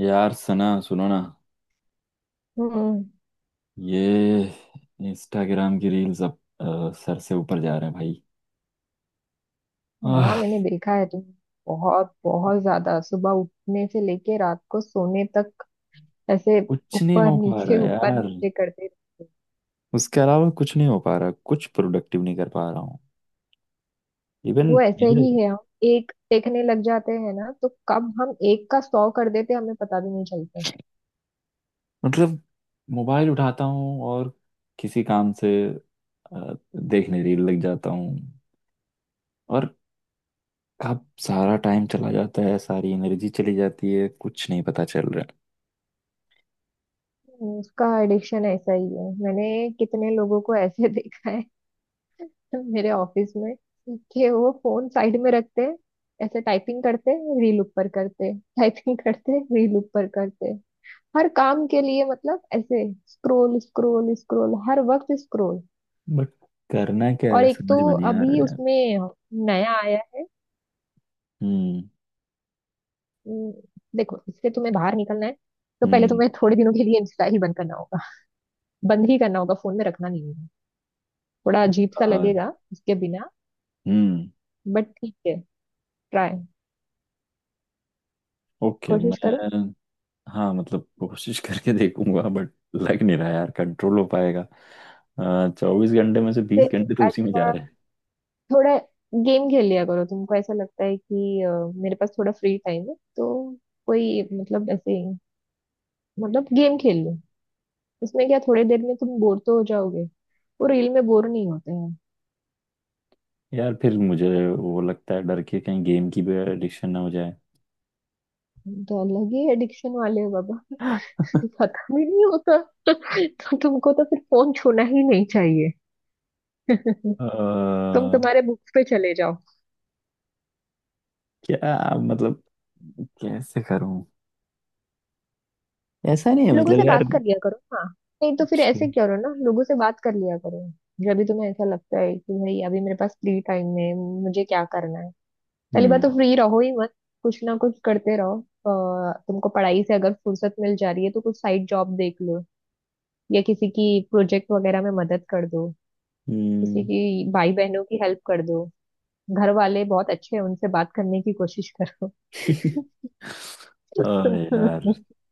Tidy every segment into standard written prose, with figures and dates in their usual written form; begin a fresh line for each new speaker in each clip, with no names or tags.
यार सना, सुनो ना।
हम्म।
ये इंस्टाग्राम की रील्स अब सर से ऊपर जा रहे हैं भाई।
हाँ,
आह,
मैंने देखा है। तुम बहुत बहुत ज्यादा, सुबह उठने से लेके रात को सोने तक ऐसे
कुछ नहीं हो पा रहा
ऊपर
यार।
नीचे करते रहते हैं।
उसके अलावा कुछ नहीं हो पा रहा, कुछ प्रोडक्टिव नहीं कर पा रहा हूँ। इवन
वो ऐसे ही है। हम एक देखने लग जाते हैं ना, तो कब हम एक का सौ कर देते हैं, हमें पता भी नहीं चलता।
मतलब मोबाइल उठाता हूँ और किसी काम से देखने रील लग जाता हूँ। और कब सारा टाइम चला जाता है, सारी एनर्जी चली जाती है, कुछ नहीं पता चल रहा
उसका एडिक्शन ऐसा ही है। मैंने कितने लोगों को ऐसे देखा है मेरे ऑफिस में, कि वो फोन साइड में रखते हैं, ऐसे टाइपिंग करते रील ऊपर करते, टाइपिंग करते रील ऊपर करते, हर काम के लिए मतलब ऐसे। स्क्रोल स्क्रोल स्क्रोल, हर वक्त स्क्रोल।
है। बट करना क्या
और
है
एक तो
समझ में नहीं आ रहा
अभी
है यार।
उसमें नया आया है।
हम्म।
उम, देखो, इससे तुम्हें बाहर निकलना है, तो पहले
हम्म।
तुम्हें थोड़े दिनों के लिए इंस्टा ही बंद करना होगा। बंद ही करना होगा, फोन में रखना नहीं होगा। थोड़ा अजीब सा
आ,
लगेगा उसके बिना,
हम्म।
बट ठीक है। Try
okay.
कोशिश करो।
मैं हाँ मतलब कोशिश करके देखूंगा, बट लग नहीं रहा यार कंट्रोल हो पाएगा। 24 घंटे में से बीस
फिर
घंटे तो उसी में जा
अच्छा,
रहे हैं।
थोड़ा गेम खेल लिया करो। तुमको ऐसा लगता है कि मेरे पास थोड़ा फ्री टाइम है, तो कोई, मतलब ऐसे, मतलब गेम खेल लो। उसमें क्या, थोड़ी देर में तुम बोर तो हो जाओगे। वो रील में बोर नहीं होते हैं।
यार फिर मुझे वो लगता है, डर के कहीं गेम की भी एडिक्शन ना हो जाए।
तुम तो अलग ही एडिक्शन वाले हो बाबा। खत्म ही नहीं होता। तो तुमको तो फिर फोन छूना ही नहीं चाहिए।
अ,
तुम्हारे बुक्स पे चले जाओ।
क्या मतलब, कैसे करूं? ऐसा नहीं है
लोगों
मतलब
से
यार।
बात कर लिया करो ना। नहीं तो फिर ऐसे क्या करो ना, लोगों से बात कर लिया करो। जब भी तुम्हें ऐसा लगता है कि भाई अभी मेरे पास फ्री टाइम है, मुझे क्या करना है, पहली बात तो
हम्म।
फ्री रहो ही मत। कुछ ना कुछ करते रहो। तुमको पढ़ाई से अगर फुर्सत मिल जा रही है, तो कुछ साइड जॉब देख लो, या किसी की प्रोजेक्ट वगैरह में मदद कर दो। किसी
हम्म।
की, भाई बहनों की हेल्प कर दो। घर वाले बहुत अच्छे हैं, उनसे बात करने की कोशिश करो।
ओ यार,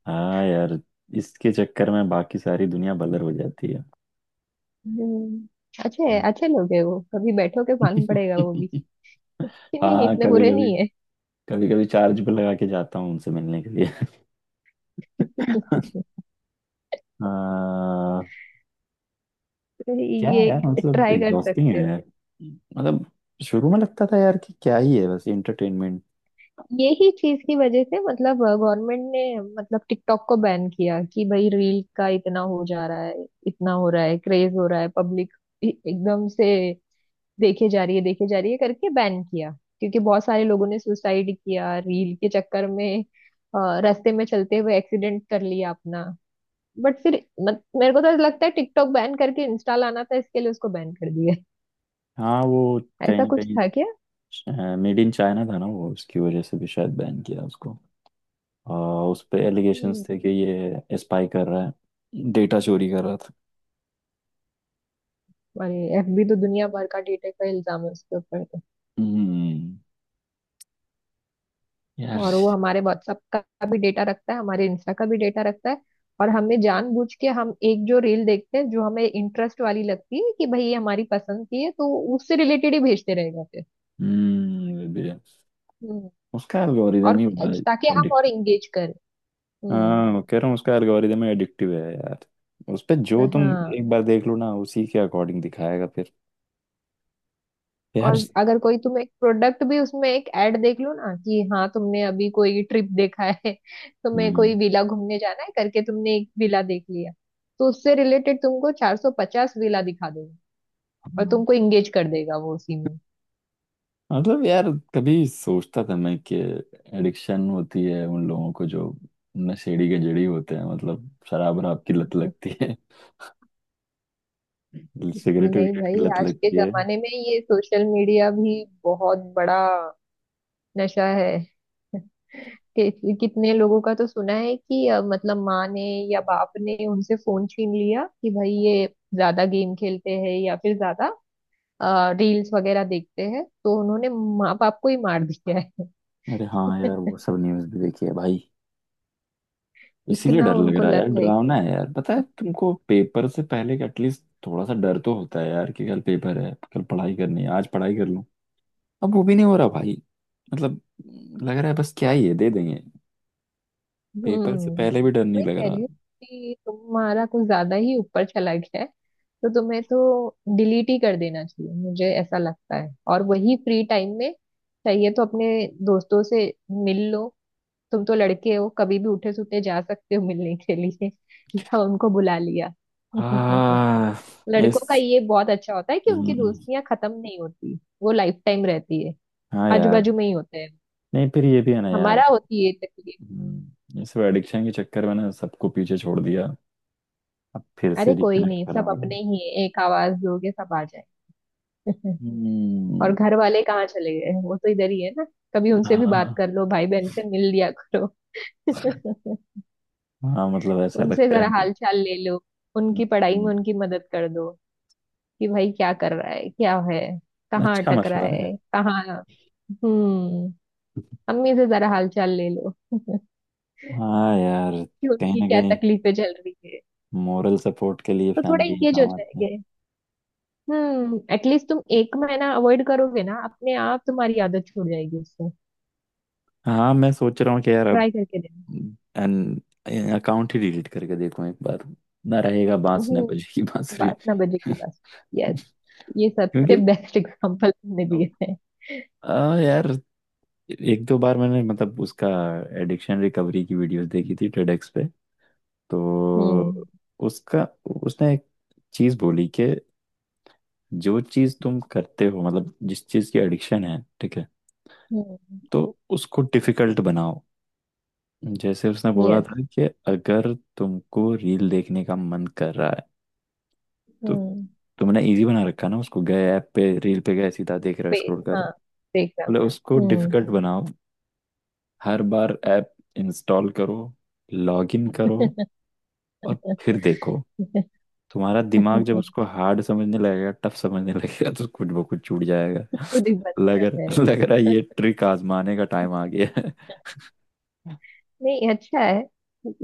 हाँ यार, इसके चक्कर में बाकी सारी दुनिया बलर हो जाती है।
हम्म, अच्छे
हाँ,
अच्छे लोग है वो, कभी बैठो के मालूम पड़ेगा वो भी। कि नहीं,
हाँ।
इतने
कभी
बुरे
कभी,
नहीं है।
कभी कभी चार्ज पे लगा के जाता हूँ उनसे मिलने के लिए। आ, क्या है
ये
यार, मतलब
ट्राई कर
एग्जॉस्टिंग
सकते
है
हो।
यार। मतलब शुरू में लगता था यार कि क्या ही है, बस एंटरटेनमेंट।
यही चीज की वजह से मतलब गवर्नमेंट ने, मतलब टिकटॉक को बैन किया, कि भाई रील का इतना हो जा रहा है, इतना हो रहा है, क्रेज हो रहा है, पब्लिक एकदम से देखे जा रही है देखे जा रही है करके बैन किया। क्योंकि बहुत सारे लोगों ने सुसाइड किया रील के चक्कर में, रास्ते में चलते हुए एक्सीडेंट कर लिया अपना। बट फिर मत, मेरे को तो ऐसा लगता है, टिकटॉक बैन करके इंस्टा लाना था, इसके लिए उसको बैन कर दिया।
हाँ, वो कहीं
ऐसा
ना
कुछ
कहीं
था क्या?
मेड इन चाइना था ना वो, उसकी वजह से भी शायद बैन किया उसको। आ, उस पे एलिगेशंस
हम्म,
थे कि ये स्पाई कर रहा है, डेटा चोरी कर रहा।
अरे एफबी तो दुनिया भर का डेटा का इल्जाम है उसके ऊपर तो।
हम्म, यार।
और वो हमारे व्हाट्सएप का भी डेटा रखता है, हमारे इंस्टा का भी डेटा रखता है। और हमें जानबूझ के, हम एक जो रील देखते हैं जो हमें इंटरेस्ट वाली लगती है कि भाई ये हमारी पसंद की है, तो उससे रिलेटेड ही भेजते रहेगा फिर।
हम्म, ये भी है।
हम्म।
उसका
और
एल्गोरिदम ही बड़ा
ताकि हम और
एडिक्टिव।
इंगेज करें। हम्म।
हाँ, मैं कह रहा हूँ उसका एल्गोरिदम ही एडिक्टिव है यार। उस पे जो तुम
हाँ।
एक बार देख लो ना, उसी के अकॉर्डिंग दिखाएगा फिर। यार।
और अगर कोई, तुम एक प्रोडक्ट भी उसमें, एक ऐड देख लो ना कि हाँ तुमने अभी कोई ट्रिप देखा है, तुम्हें कोई
हम्म।
विला घूमने जाना है करके तुमने एक विला देख लिया, तो उससे रिलेटेड तुमको 450 विला दिखा। और
हाँ।
तुमको इंगेज कर देगा वो उसी में।
मतलब यार, कभी सोचता था मैं कि एडिक्शन होती है उन लोगों को जो नशेड़ी के जड़ी होते हैं, मतलब शराब वराब की लत लगती है, सिगरेट
नहीं
विगरेट की
भाई,
लत
आज के
लगती है।
जमाने में ये सोशल मीडिया भी बहुत बड़ा नशा है। कितने लोगों का तो सुना है कि मतलब माँ ने या बाप ने उनसे फोन छीन लिया कि भाई ये ज्यादा गेम खेलते हैं या फिर ज्यादा रील्स वगैरह देखते हैं, तो उन्होंने माँ बाप को ही मार दिया है।
अरे हाँ यार, वो सब न्यूज़ भी देखी है भाई। इसीलिए
इतना
डर लग
उनको
रहा है यार,
लत है।
डरावना है यार। पता है तुमको, पेपर से पहले एटलीस्ट थोड़ा सा डर तो होता है यार कि कल पेपर है, कल पढ़ाई करनी है, आज पढ़ाई कर लूं। अब वो भी नहीं हो रहा भाई। मतलब लग रहा है बस क्या ही है, दे देंगे। पेपर से
हम्म।
पहले भी डर नहीं
मैं
लग
कह
रहा।
रही हूँ कि तुम्हारा कुछ ज्यादा ही ऊपर चला गया है, तो तुम्हें तो डिलीट ही कर देना चाहिए, मुझे ऐसा लगता है। और वही फ्री टाइम में चाहिए, तो अपने दोस्तों से मिल लो। तुम तो लड़के हो, कभी भी उठे सुठे जा सकते हो मिलने के लिए, या उनको बुला लिया।
हाँ,
लड़कों का
इस।
ये बहुत अच्छा होता है कि उनकी
हम्म,
दोस्तियां खत्म नहीं होती। वो लाइफ टाइम रहती है,
हाँ
आजू
यार।
बाजू में ही होते हैं।
नहीं, फिर ये भी है ना यार।
हमारा होती है तकलीफ।
इस एडिक्शन के चक्कर में ना सबको पीछे छोड़ दिया। अब फिर
अरे
से
कोई
रिकनेक्ट
नहीं,
करना
सब अपने
पड़ेगा।
ही हैं। एक आवाज दोगे सब आ जाए। और
हम्म,
घर वाले कहाँ चले गए, वो तो इधर ही है ना। कभी उनसे भी बात
हाँ।
कर लो, भाई बहन से मिल लिया करो।
हाँ मतलब ऐसा
उनसे
लगता
जरा हाल चाल ले लो। उनकी पढ़ाई में
है।
उनकी मदद कर दो, कि भाई क्या कर रहा है, क्या है, कहाँ
अच्छा
अटक रहा
मशवरा है।
है कहाँ। हम्म। अम्मी से जरा हाल चाल ले लो,
हाँ यार,
कि
कहीं
उनकी
ना
क्या
कहीं
तकलीफें चल रही है।
मोरल सपोर्ट के लिए
तो थोड़ा
फैमिली ही
इंगेज हो
काम आती है।
जाएंगे। हम्म, एटलीस्ट तुम एक महीना अवॉइड करोगे ना, अपने आप तुम्हारी आदत छूट जाएगी उससे।
हाँ मैं सोच रहा हूँ कि यार अब
ट्राई करके देना।
एन अकाउंट ही डिलीट करके देखूँ एक बार। ना रहेगा बांस ना
हम्म,
बजेगी बांसुरी।
बात ना बजे की बात। यस, ये सबसे
क्योंकि
बेस्ट एग्जांपल तुमने दिए हैं।
यार एक दो बार मैंने मतलब उसका एडिक्शन रिकवरी की वीडियोस देखी थी टेडेक्स पे। तो
हम्म।
उसका, उसने एक चीज बोली कि जो चीज तुम करते हो मतलब जिस चीज की एडिक्शन है, ठीक है,
हम्म।
तो उसको डिफिकल्ट बनाओ। जैसे उसने बोला
यस।
था कि अगर तुमको रील देखने का मन कर रहा है, तो
हम्म।
तुमने इजी बना रखा ना उसको, गए ऐप पे रील पे गए सीधा, देख रहे हो
पे।
स्क्रॉल कर रहे हो।
हाँ, देखना।
बोले उसको
हम्म।
डिफिकल्ट बनाओ। हर बार ऐप इंस्टॉल करो, लॉग इन करो और फिर देखो। तुम्हारा दिमाग जब उसको हार्ड समझने लगेगा, टफ समझने लगेगा, तो कुछ वो कुछ छूट जाएगा।
खुद ही बंद
लग
कर
रहा, लग रहा है
जाएगा।
ये ट्रिक आजमाने का टाइम आ गया है।
नहीं, अच्छा है।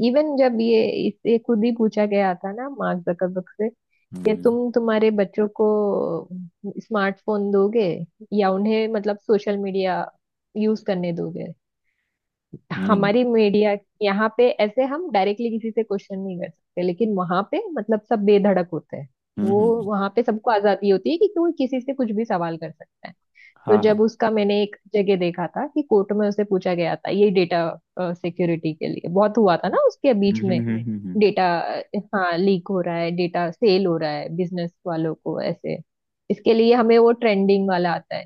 इवन जब ये, इससे खुद ही पूछा गया था ना मार्क जकरबर्ग से, कि
हम्म।
तुम्हारे बच्चों को स्मार्टफोन दोगे, या उन्हें मतलब सोशल मीडिया यूज करने दोगे।
हम्म।
हमारी मीडिया यहाँ पे, ऐसे हम डायरेक्टली किसी से क्वेश्चन नहीं कर सकते, लेकिन वहां पे मतलब सब बेधड़क होते हैं।
हम्म।
वो वहां पे सबको आजादी होती है कि कोई किसी से कुछ भी सवाल कर सकता है। तो
हाँ।
जब
हाँ।
उसका मैंने एक जगह देखा था, कि कोर्ट में उसे पूछा गया था, ये डेटा सिक्योरिटी के लिए बहुत हुआ था ना उसके
हम्म।
बीच
ये।
में।
है। हम्म।
डेटा, हाँ, लीक हो रहा है, डेटा सेल हो रहा है बिजनेस वालों को ऐसे। इसके लिए हमें वो ट्रेंडिंग वाला आता है,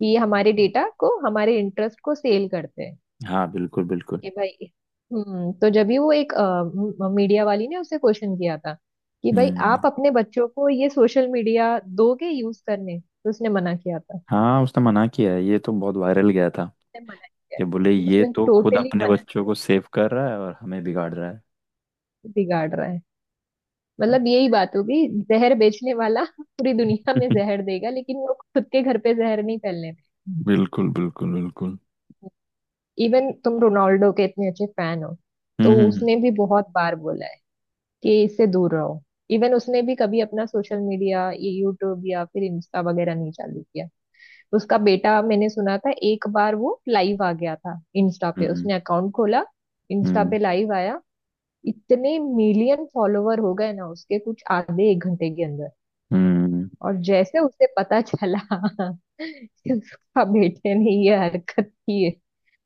कि हमारे
हम्म।
डेटा को हमारे इंटरेस्ट को सेल करते हैं,
हाँ, बिल्कुल बिल्कुल।
कि भाई। हम्म, तो जब भी वो एक मीडिया वाली ने उसे क्वेश्चन किया था, कि भाई आप
हम्म।
अपने बच्चों को ये सोशल मीडिया दोगे यूज करने, तो उसने मना किया था।
हाँ उसने मना किया है, ये तो बहुत वायरल गया था
उसने मना किया।
कि बोले ये
उसने
तो खुद
टोटली
अपने
मना
बच्चों
किया।
को सेव कर रहा है और हमें बिगाड़ रहा है।
बिगाड़ रहा है, मतलब यही बात होगी। जहर बेचने वाला पूरी दुनिया में जहर देगा, लेकिन वो खुद के घर पे जहर नहीं फैलने देगा।
बिल्कुल बिल्कुल बिल्कुल।
इवन तुम रोनाल्डो के इतने अच्छे फैन हो,
हम्म।
तो
हम्म।
उसने भी बहुत बार बोला है कि इससे दूर रहो। इवन उसने भी कभी अपना सोशल मीडिया, ये यूट्यूब या फिर इंस्टा वगैरह नहीं चालू किया। उसका बेटा, मैंने सुना था, एक बार वो लाइव आ गया था इंस्टा पे,
हम्म।
उसने अकाउंट खोला, इंस्टा
हम्म।
पे लाइव आया। इतने मिलियन फॉलोवर हो गए ना उसके कुछ आधे एक घंटे के अंदर।
हम्म,
और जैसे उसे पता चला कि उसका बेटे ने ये हरकत की है,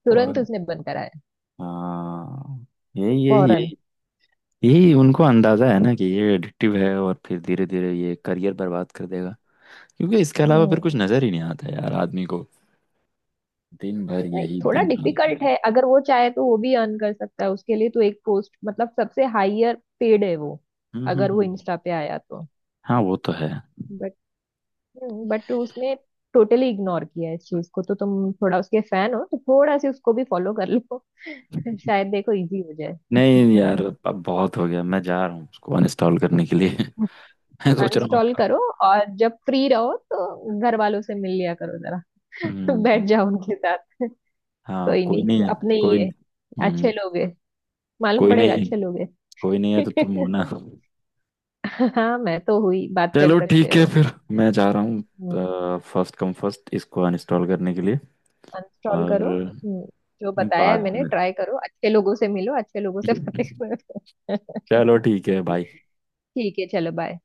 तुरंत
फॉरन।
उसने बंद कराया।
हाँ, यही यही
फौरन।
यही। यही उनको अंदाजा है ना कि ये एडिक्टिव है और फिर धीरे धीरे ये करियर बर्बाद कर देगा। क्योंकि इसके अलावा फिर
हम्म,
कुछ नजर ही नहीं आता यार आदमी को। दिन भर
नहीं,
यही,
थोड़ा
दिन रात
डिफिकल्ट
वही।
है। अगर वो चाहे तो वो भी अर्न कर सकता है, उसके लिए तो। एक पोस्ट मतलब सबसे हाईयर पेड है वो,
हम्म। हम्म।
अगर वो
हम्म।
इंस्टा पे आया तो।
हाँ वो तो है।
बट उसने टोटली इग्नोर किया इस चीज को, तो तुम थोड़ा उसके फैन हो तो थोड़ा सी उसको भी फॉलो कर लो, शायद देखो इजी हो
नहीं
जाए।
यार, अब बहुत हो गया, मैं जा रहा हूँ उसको अनइंस्टॉल करने के लिए। मैं सोच रहा हूँ।
अनस्टॉल करो। और जब फ्री रहो तो घर वालों से मिल लिया करो जरा। बैठ
हम्म।
जाओ उनके साथ।
हाँ
कोई
कोई नहीं
नहीं,
है।
अपने ही
कोई।
है,
हम्म।
अच्छे लोग है, मालूम
कोई
पड़ेगा
नहीं है।
अच्छे लोग है।
कोई नहीं है तो तुम हो ना।
हाँ, मैं तो हुई, बात कर
चलो
सकते
ठीक है
हो।
फिर, मैं जा रहा हूँ फर्स्ट कम फर्स्ट इसको अनइंस्टॉल करने के लिए।
अनस्टॉल करो।
और
जो बताया है
बाद
मैंने
में।
ट्राई करो, अच्छे लोगों से मिलो, अच्छे लोगों से बातें करो।
चलो ठीक है, बाय।
ठीक है, चलो, बाय।